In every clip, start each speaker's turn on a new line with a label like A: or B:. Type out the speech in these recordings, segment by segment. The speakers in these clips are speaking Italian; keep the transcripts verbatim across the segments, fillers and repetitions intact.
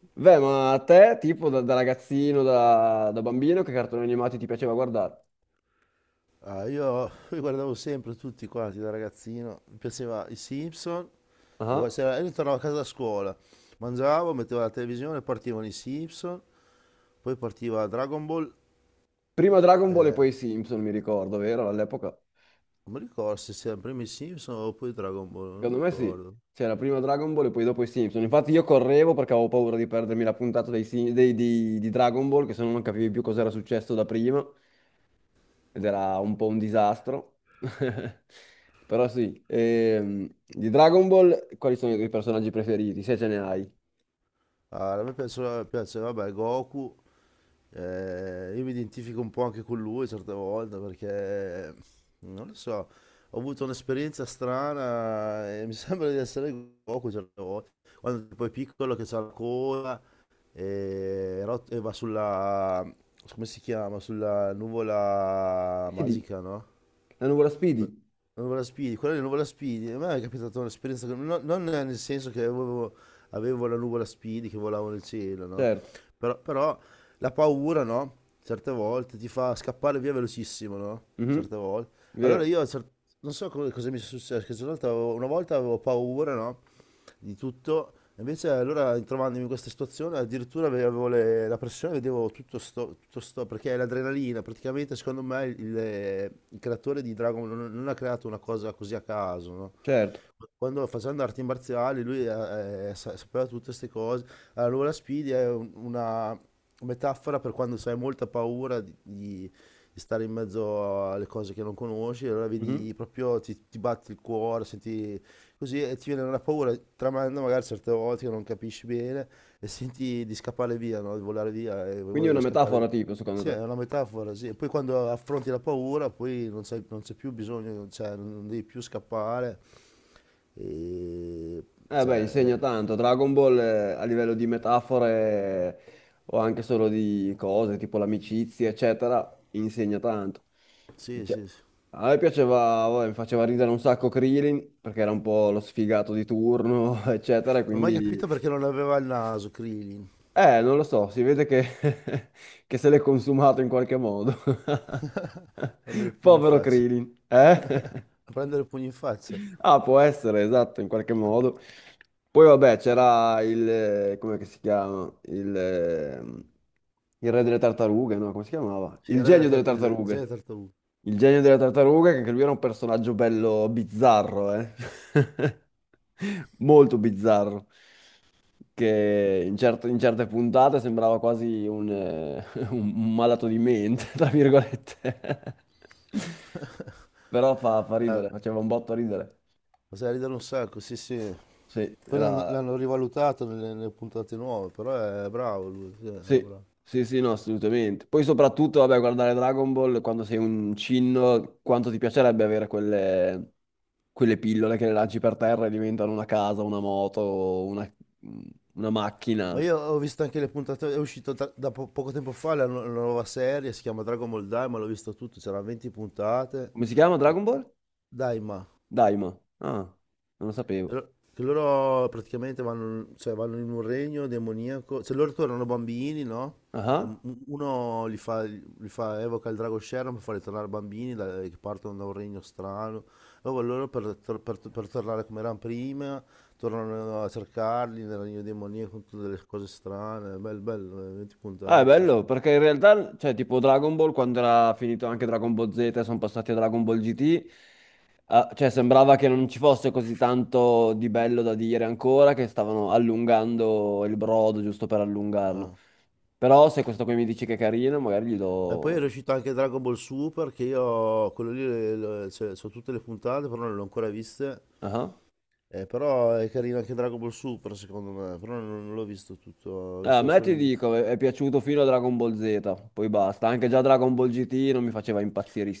A: Beh, ma a te, tipo da, da ragazzino, da, da bambino, che cartoni animati ti piaceva guardare?
B: Ah, io, io guardavo sempre tutti quanti da ragazzino, mi piaceva i Simpson, e
A: Ah.
B: guarda, se- io tornavo a casa da scuola, mangiavo, mettevo la televisione, partivano i Simpson, poi partiva Dragon Ball,
A: Prima Dragon Ball e poi i Simpson, mi ricordo, vero? All'epoca?
B: non mi ricordo se c'erano prima i Simpson o poi Dragon Ball, non mi
A: Secondo me sì.
B: ricordo.
A: C'era prima Dragon Ball e poi dopo i Simpson. Infatti io correvo perché avevo paura di perdermi la puntata dei, Sim- dei- di, di Dragon Ball, che se no non capivi più cosa era successo da prima, ed era un po' un disastro. Però sì, ehm, di Dragon Ball, quali sono i tuoi personaggi preferiti, se ce ne hai?
B: Ah, a me piaceva, piaceva, vabbè, Goku. Eh, io mi identifico un po' anche con lui certe volte perché non lo so, ho avuto un'esperienza strana e mi sembra di essere Goku certe volte. Quando poi è piccolo che c'ha la coda e, rot- e va sulla, come si chiama? Sulla nuvola
A: Speedy,
B: magica, no?
A: la nuvola Speedy,
B: Nuvola Speedy, quella di Nuvola Speedy, a me è capitata un'esperienza, che- no- non nel senso che avevo, avevo la nuvola Speedy che volavo nel cielo, no?
A: certo.
B: Però, però la paura, no? Certe volte ti fa scappare via velocissimo, no?
A: Mhm.
B: Certe volte. Allora
A: Vero,
B: io, cer- non so co- cosa mi è successo, che una volta avevo, una volta avevo paura, no? Di tutto. Invece allora trovandomi in questa situazione addirittura avevo le- la pressione, vedevo tutto sto, tutto sto- perché l'adrenalina, praticamente secondo me il, il creatore di Dragon Ball non, non ha creato una cosa così a caso, no?
A: certo.
B: Quando facendo arti marziali lui eh, eh, sa- sapeva tutte queste cose. Allora Speedy è un- una metafora per quando hai molta paura di, di- di stare in mezzo alle cose che non conosci, allora
A: Mhm.
B: vedi proprio ti, ti batti il cuore, senti. Così eh, ti viene una paura tremenda, magari certe volte che non capisci bene e senti di scappare via, no? Di volare via e
A: Quindi è
B: vuoi
A: una
B: scappare via.
A: metafora tipo, secondo
B: Sì, è
A: te?
B: una metafora, sì. E poi quando affronti la paura, poi non c'è, non c'è più bisogno, cioè non devi più scappare. E...
A: Eh beh,
B: Cioè,
A: insegna tanto. Dragon Ball eh, a livello di metafore eh, o anche solo di cose tipo l'amicizia, eccetera, insegna tanto.
B: eh, sì, sì,
A: Dice-
B: sì.
A: A me piaceva, vabbè, mi faceva ridere un sacco Krillin perché era un po' lo sfigato di turno, eccetera, e
B: Non ho mai capito
A: quindi.
B: perché non aveva il naso, Krillin.
A: Eh, non lo so, si vede che, che se l'è consumato in qualche modo.
B: Prendere il pugno in
A: Povero
B: faccia.
A: Krillin, eh?
B: A prendere il pugno in faccia.
A: Ah, può essere, esatto, in qualche modo. Poi vabbè, c'era il, eh, come che si chiama? Il, ehm, il re delle tartarughe, no? Come si chiamava?
B: Sì,
A: Il
B: era della
A: genio delle
B: tar- il genere
A: tartarughe.
B: tartaruga.
A: Il genio delle tartarughe, che anche lui era un personaggio bello bizzarro, eh? Molto bizzarro. Che in, certe in certe puntate sembrava quasi un, eh, un malato di mente, tra virgolette. Però fa fa
B: Eh,
A: ridere, faceva un botto ridere.
B: sai ridere un sacco, sì, sì.
A: Sì,
B: Poi l'hanno,
A: era.
B: l'hanno rivalutato nelle, nelle puntate nuove, però è bravo lui, sì, era
A: Sì,
B: bravo.
A: sì, sì, no, assolutamente. Poi soprattutto, vabbè, guardare Dragon Ball quando sei un cinno, quanto ti piacerebbe avere quelle, quelle pillole che le lanci per terra e diventano una casa, una moto, una, una
B: Ma
A: macchina.
B: io ho visto anche le puntate, è uscito tra- da po- poco tempo fa la, nu- la nuova serie, si chiama Dragon Ball Daima, l'ho visto tutto, c'erano venti puntate.
A: Come si chiama Dragon Ball?
B: Daima.
A: Daima. Ah, non lo sapevo.
B: Loro- Che loro praticamente vanno, cioè, vanno in un regno demoniaco, cioè loro tornano bambini, no? E un-
A: Ah.
B: Uno li fa, li fa- evoca il drago Sharon per farli tornare bambini da- che partono da un regno strano. Allora loro per, tor- per- per tornare come erano prima, tornano a cercarli nel regno demoniaco con tutte le cose strane. Bello, bello, eh, venti
A: Ah, è
B: puntate ci
A: bello,
B: sono.
A: perché in realtà, cioè, tipo Dragon Ball, quando era finito anche Dragon Ball zeta, e sono passati a Dragon Ball gi ti, ah, cioè, sembrava che non ci fosse così tanto di bello da dire ancora, che stavano allungando il brodo giusto per allungarlo.
B: Ah.
A: Però se questo qui mi dici che è carino, magari gli
B: E poi
A: do.
B: è uscito anche Dragon Ball Super che io quello lì le- le- cioè, so tutte le puntate, però non le ho ancora viste.
A: Ah.
B: Eh, però è carino anche Dragon Ball Super, secondo me, però non, non l'ho visto tutto, ho
A: Ah. A
B: visto
A: me
B: solo
A: ti
B: l'inizio.
A: dico, è è piaciuto fino a Dragon Ball zeta, poi basta. Anche già Dragon Ball gi ti non mi faceva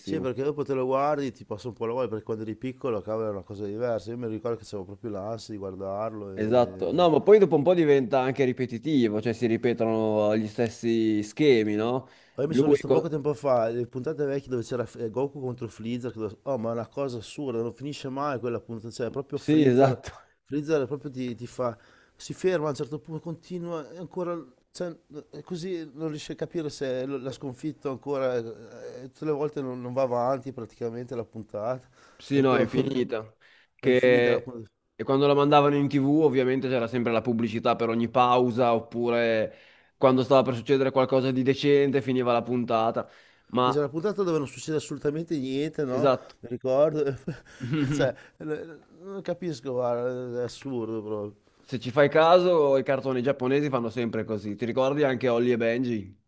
B: Sì, perché dopo te lo guardi, ti passa un po' la voglia, perché quando eri piccolo, cavolo, è una cosa diversa. Io mi ricordo che avevo proprio l'ansia di guardarlo.
A: Esatto,
B: E
A: no, ma poi dopo un po' diventa anche ripetitivo, cioè si ripetono gli stessi schemi, no?
B: io mi sono
A: Lui,
B: visto poco
A: co-
B: tempo fa le puntate vecchie dove c'era eh, Goku contro Freezer, che lo- oh ma è una cosa assurda, non finisce mai quella puntata, cioè proprio
A: sì,
B: Freezer,
A: esatto,
B: Freezer proprio ti, ti fa, si ferma a un certo punto, continua, e ancora, cioè, eh, così non riesce a capire se lo- l'ha sconfitto ancora, eh, eh, tutte le volte non, non va avanti praticamente la puntata,
A: sì, no, è
B: proprio con-
A: infinita.
B: è infinita la
A: Che...
B: puntata.
A: E quando la mandavano in tivù ovviamente c'era sempre la pubblicità per ogni pausa, oppure quando stava per succedere qualcosa di decente finiva la puntata.
B: E c'è una
A: Ma,
B: puntata dove non succede assolutamente niente, no?
A: esatto,
B: Mi ricordo, cioè, eh, non capisco, guarda, è assurdo proprio.
A: se ci fai caso, i cartoni giapponesi fanno sempre così. Ti ricordi anche Holly e Benji?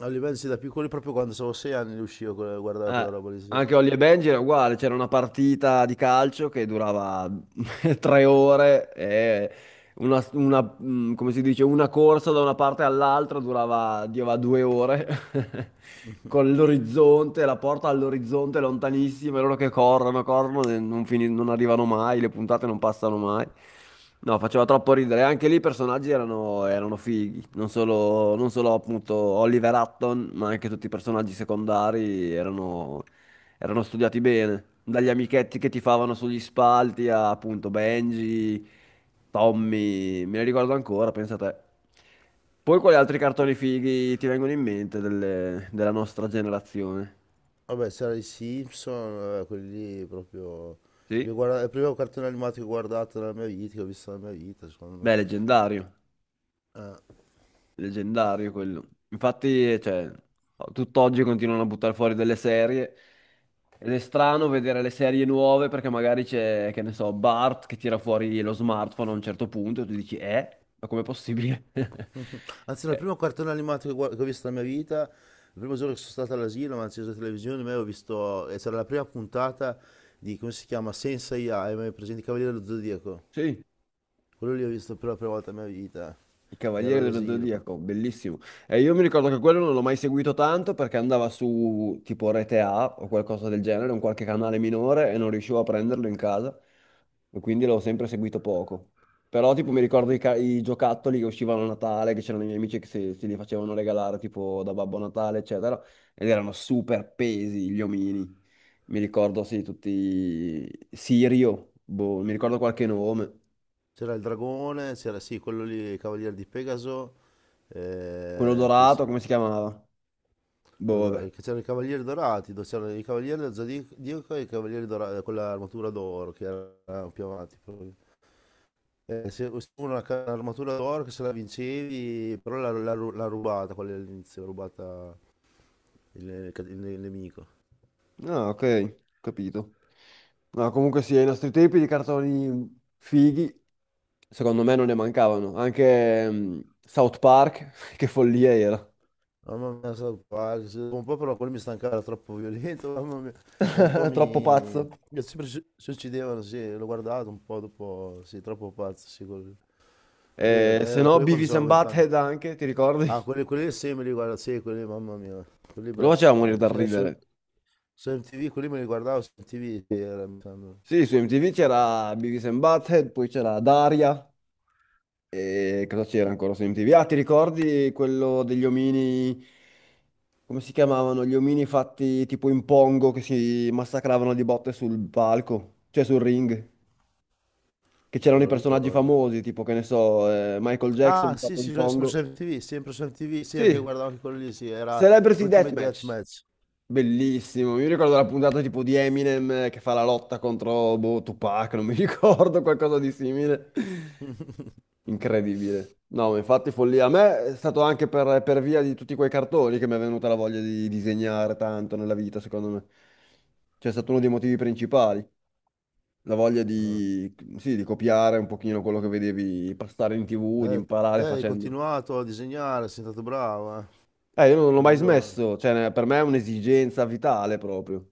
B: A livello sì, da piccoli proprio quando avevo sei anni li uscivo, con- guardavo quella
A: Eh,
B: roba lì, sì.
A: anche Holly e Benji era uguale, c'era una partita di calcio che durava tre ore e una, una, mh, come si dice, una corsa da una parte all'altra durava, durava due ore, con l'orizzonte, la porta all'orizzonte lontanissima, e loro che corrono, corrono, e non, fini- non arrivano mai, le puntate non passano mai. No, faceva troppo ridere. Anche lì i personaggi erano, erano fighi, non solo, non solo appunto Oliver Hutton, ma anche tutti i personaggi secondari erano, erano studiati bene, dagli amichetti che ti favano sugli spalti a appunto Benji. Tommy, me ne ricordo ancora, pensa a te. Poi quali altri cartoni fighi ti vengono in mente delle- della nostra generazione?
B: Vabbè, c'era i Simpson, vabbè, quelli lì proprio... li
A: Sì?
B: guarda- Il primo cartone animato che ho guardato nella mia vita, che ho visto nella mia vita, secondo me.
A: Beh, leggendario, leggendario quello. Infatti, cioè, tutt'oggi continuano a buttare fuori delle serie ed è strano vedere le serie nuove perché magari c'è, che ne so, Bart che tira fuori lo smartphone a un certo punto e tu dici, eh? Ma com'è possibile?
B: Anzi, no, il
A: Eh,
B: primo cartone animato che, guard- che ho visto nella mia vita, il primo giorno che sono stato all'asilo, mi hanno acceso la televisione, me ho visto... E c'era la prima puntata di, come si chiama, Senza A I, presente i Cavaliere dello Zodiaco.
A: sì.
B: Quello lì ho visto per la prima volta nella mia vita,
A: Il
B: ero
A: Cavaliere dello
B: all'asilo.
A: Zodiaco, bellissimo. E io mi ricordo che quello non l'ho mai seguito tanto perché andava su tipo Rete A o qualcosa del genere, un qualche canale minore e non riuscivo a prenderlo in casa e quindi l'ho sempre seguito poco. Però tipo mi ricordo i, ca- i giocattoli che uscivano a Natale, che c'erano i miei amici che se, se li facevano regalare tipo da Babbo Natale, eccetera, ed erano super pesi gli omini. Mi ricordo, sì, tutti. Sirio, boh, mi ricordo qualche nome.
B: C'era il dragone, c'era sì, quello lì, il cavaliere di Pegaso,
A: Quello
B: eh, poi c'è-
A: dorato, come si chiamava? Boh,
B: quello dora-
A: vabbè.
B: che c'erano i cavalieri dorati, dove c'erano i cavalieri del Zodiaco e i cavalieri dorati, con l'armatura d'oro che era più avanti proprio. Eh, se se uno ha l'armatura d'oro che se la vincevi, però l'ha l'ha ru- l'ha rubata, quella lì all'inizio, l'ha rubata il, il- ca- il nemico.
A: Ah, ok, capito. No, comunque sì, ai nostri tempi di cartoni fighi, secondo me non ne mancavano. Anche mm, South Park, che follia era.
B: Mamma mia, sono quasi. Dopo un po' però quello mi stancava, era troppo violento, mamma mia. Dopo un po'
A: Troppo
B: mi...
A: pazzo.
B: mi sempre si si uccidevano, sì, l'ho guardato un po' dopo, sì, troppo pazzo, sì, quello. Quelli,
A: Eh, se
B: eh,
A: no,
B: quelli quando
A: Beavis
B: avevo
A: and
B: vent'anni.
A: Butthead anche, ti ricordi? Non
B: Ah, quelli, quelli sempre li guarda, sì, quelli, lì, mamma mia. Quelli
A: lo faceva morire
B: belli.
A: dal
B: Su, su,
A: ridere.
B: su M T V, quelli me li guardavo su M T V, sì, era, mi sembra, non
A: Sì, su emme ti vu c'era Beavis and Butthead, poi c'era Daria. E cosa c'era ancora su emme ti vu? Ah, ti ricordi quello degli omini? Come si chiamavano, gli omini fatti tipo in pongo che si massacravano di botte sul palco, cioè sul ring, che c'erano
B: me
A: i
B: lo
A: personaggi
B: ricordo.
A: famosi, tipo che ne so, eh, Michael Jackson
B: Ah, sì,
A: fatto di
B: sì, sempre su
A: pongo.
B: M T V, sempre su M T V, sì, anche
A: Sì,
B: guardavo anche quello lì, sì, era
A: Celebrity
B: Ultimate
A: Deathmatch,
B: Deathmatch.
A: bellissimo. Mi ricordo la puntata tipo di Eminem eh, che fa la lotta contro boh, Tupac, non mi ricordo, qualcosa di simile. Incredibile. No, ma infatti follia. A me è stato anche per, per via di tutti quei cartoni che mi è venuta la voglia di disegnare tanto nella vita, secondo me. Cioè, è stato uno dei motivi principali. La voglia di, sì, di copiare un pochino quello che vedevi passare in ti vu, di
B: Eh, te
A: imparare
B: hai
A: facendo.
B: continuato a disegnare, sei stato bravo, eh.
A: Eh, io non l'ho
B: Non
A: mai
B: vedo.
A: smesso. Cioè, ne- per me è un'esigenza vitale proprio.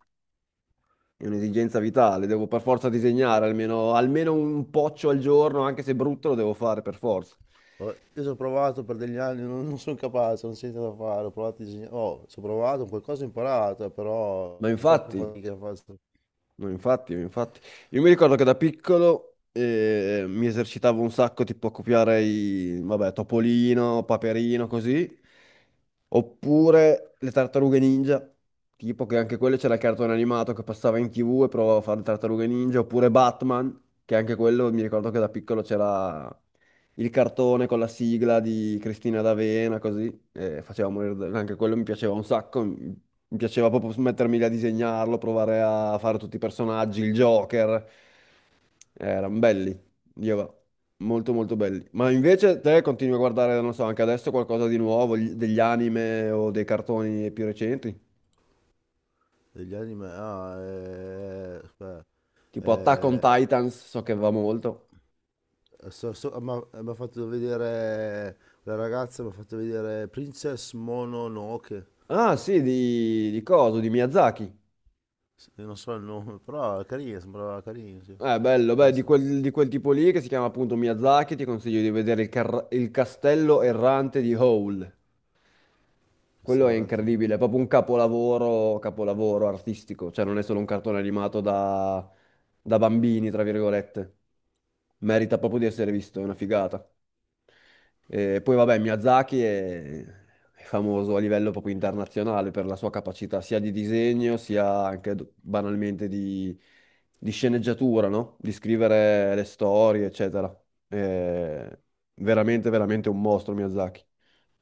A: È un'esigenza vitale. Devo per forza disegnare almeno, almeno un poccio al giorno, anche se brutto, lo devo fare per forza.
B: Oh, io ci ho provato per degli anni, non, non sono capace, non so cosa fare. Ho provato a disegnare. Oh, ci ho provato, qualcosa ho imparato, eh,
A: Ma
B: però ho troppo
A: infatti,
B: fatica a fare
A: No, infatti, infatti. Io mi ricordo che da piccolo eh, mi esercitavo un sacco, tipo a copiare i, vabbè, Topolino, Paperino, così. Oppure le tartarughe ninja, tipo che anche quelle c'era il cartone animato che passava in tivù e provavo a fare le tartarughe ninja. Oppure Batman, che anche quello mi ricordo che da piccolo c'era il cartone con la sigla di Cristina D'Avena, così, eh, faceva morire, da- anche quello mi piaceva un sacco, mi mi piaceva proprio mettermi lì a disegnarlo, provare a fare tutti i personaggi, il Joker, erano belli, io va, molto molto belli. Ma invece te continui a guardare, non so, anche adesso qualcosa di nuovo, gli- degli anime o dei cartoni più recenti?
B: degli anime. Ah, eh, aspetta,
A: Tipo Attack on
B: eh,
A: Titans, so che va molto.
B: so- so- ma- mi ha fatto vedere. La ragazza mi ha fatto vedere Princess Mononoke.
A: Ah sì, di, di coso, di Miyazaki.
B: Sì, non so il nome, però è carina, sembrava carina, sì.
A: Eh, bello,
B: Ho
A: beh, di
B: visto.
A: quel, di quel tipo lì che si chiama appunto Miyazaki, ti consiglio di vedere il, car- il Castello Errante di Howl.
B: Queste
A: Quello è
B: davanti.
A: incredibile, è proprio un capolavoro, capolavoro artistico, cioè non è solo un cartone animato da, da bambini, tra virgolette. Merita proprio di essere visto, è una figata. E poi vabbè, Miyazaki è, è, famoso a livello proprio internazionale per la sua capacità sia di disegno, sia anche do- banalmente di, di sceneggiatura, no? Di scrivere le storie, eccetera. È veramente, veramente un mostro Miyazaki.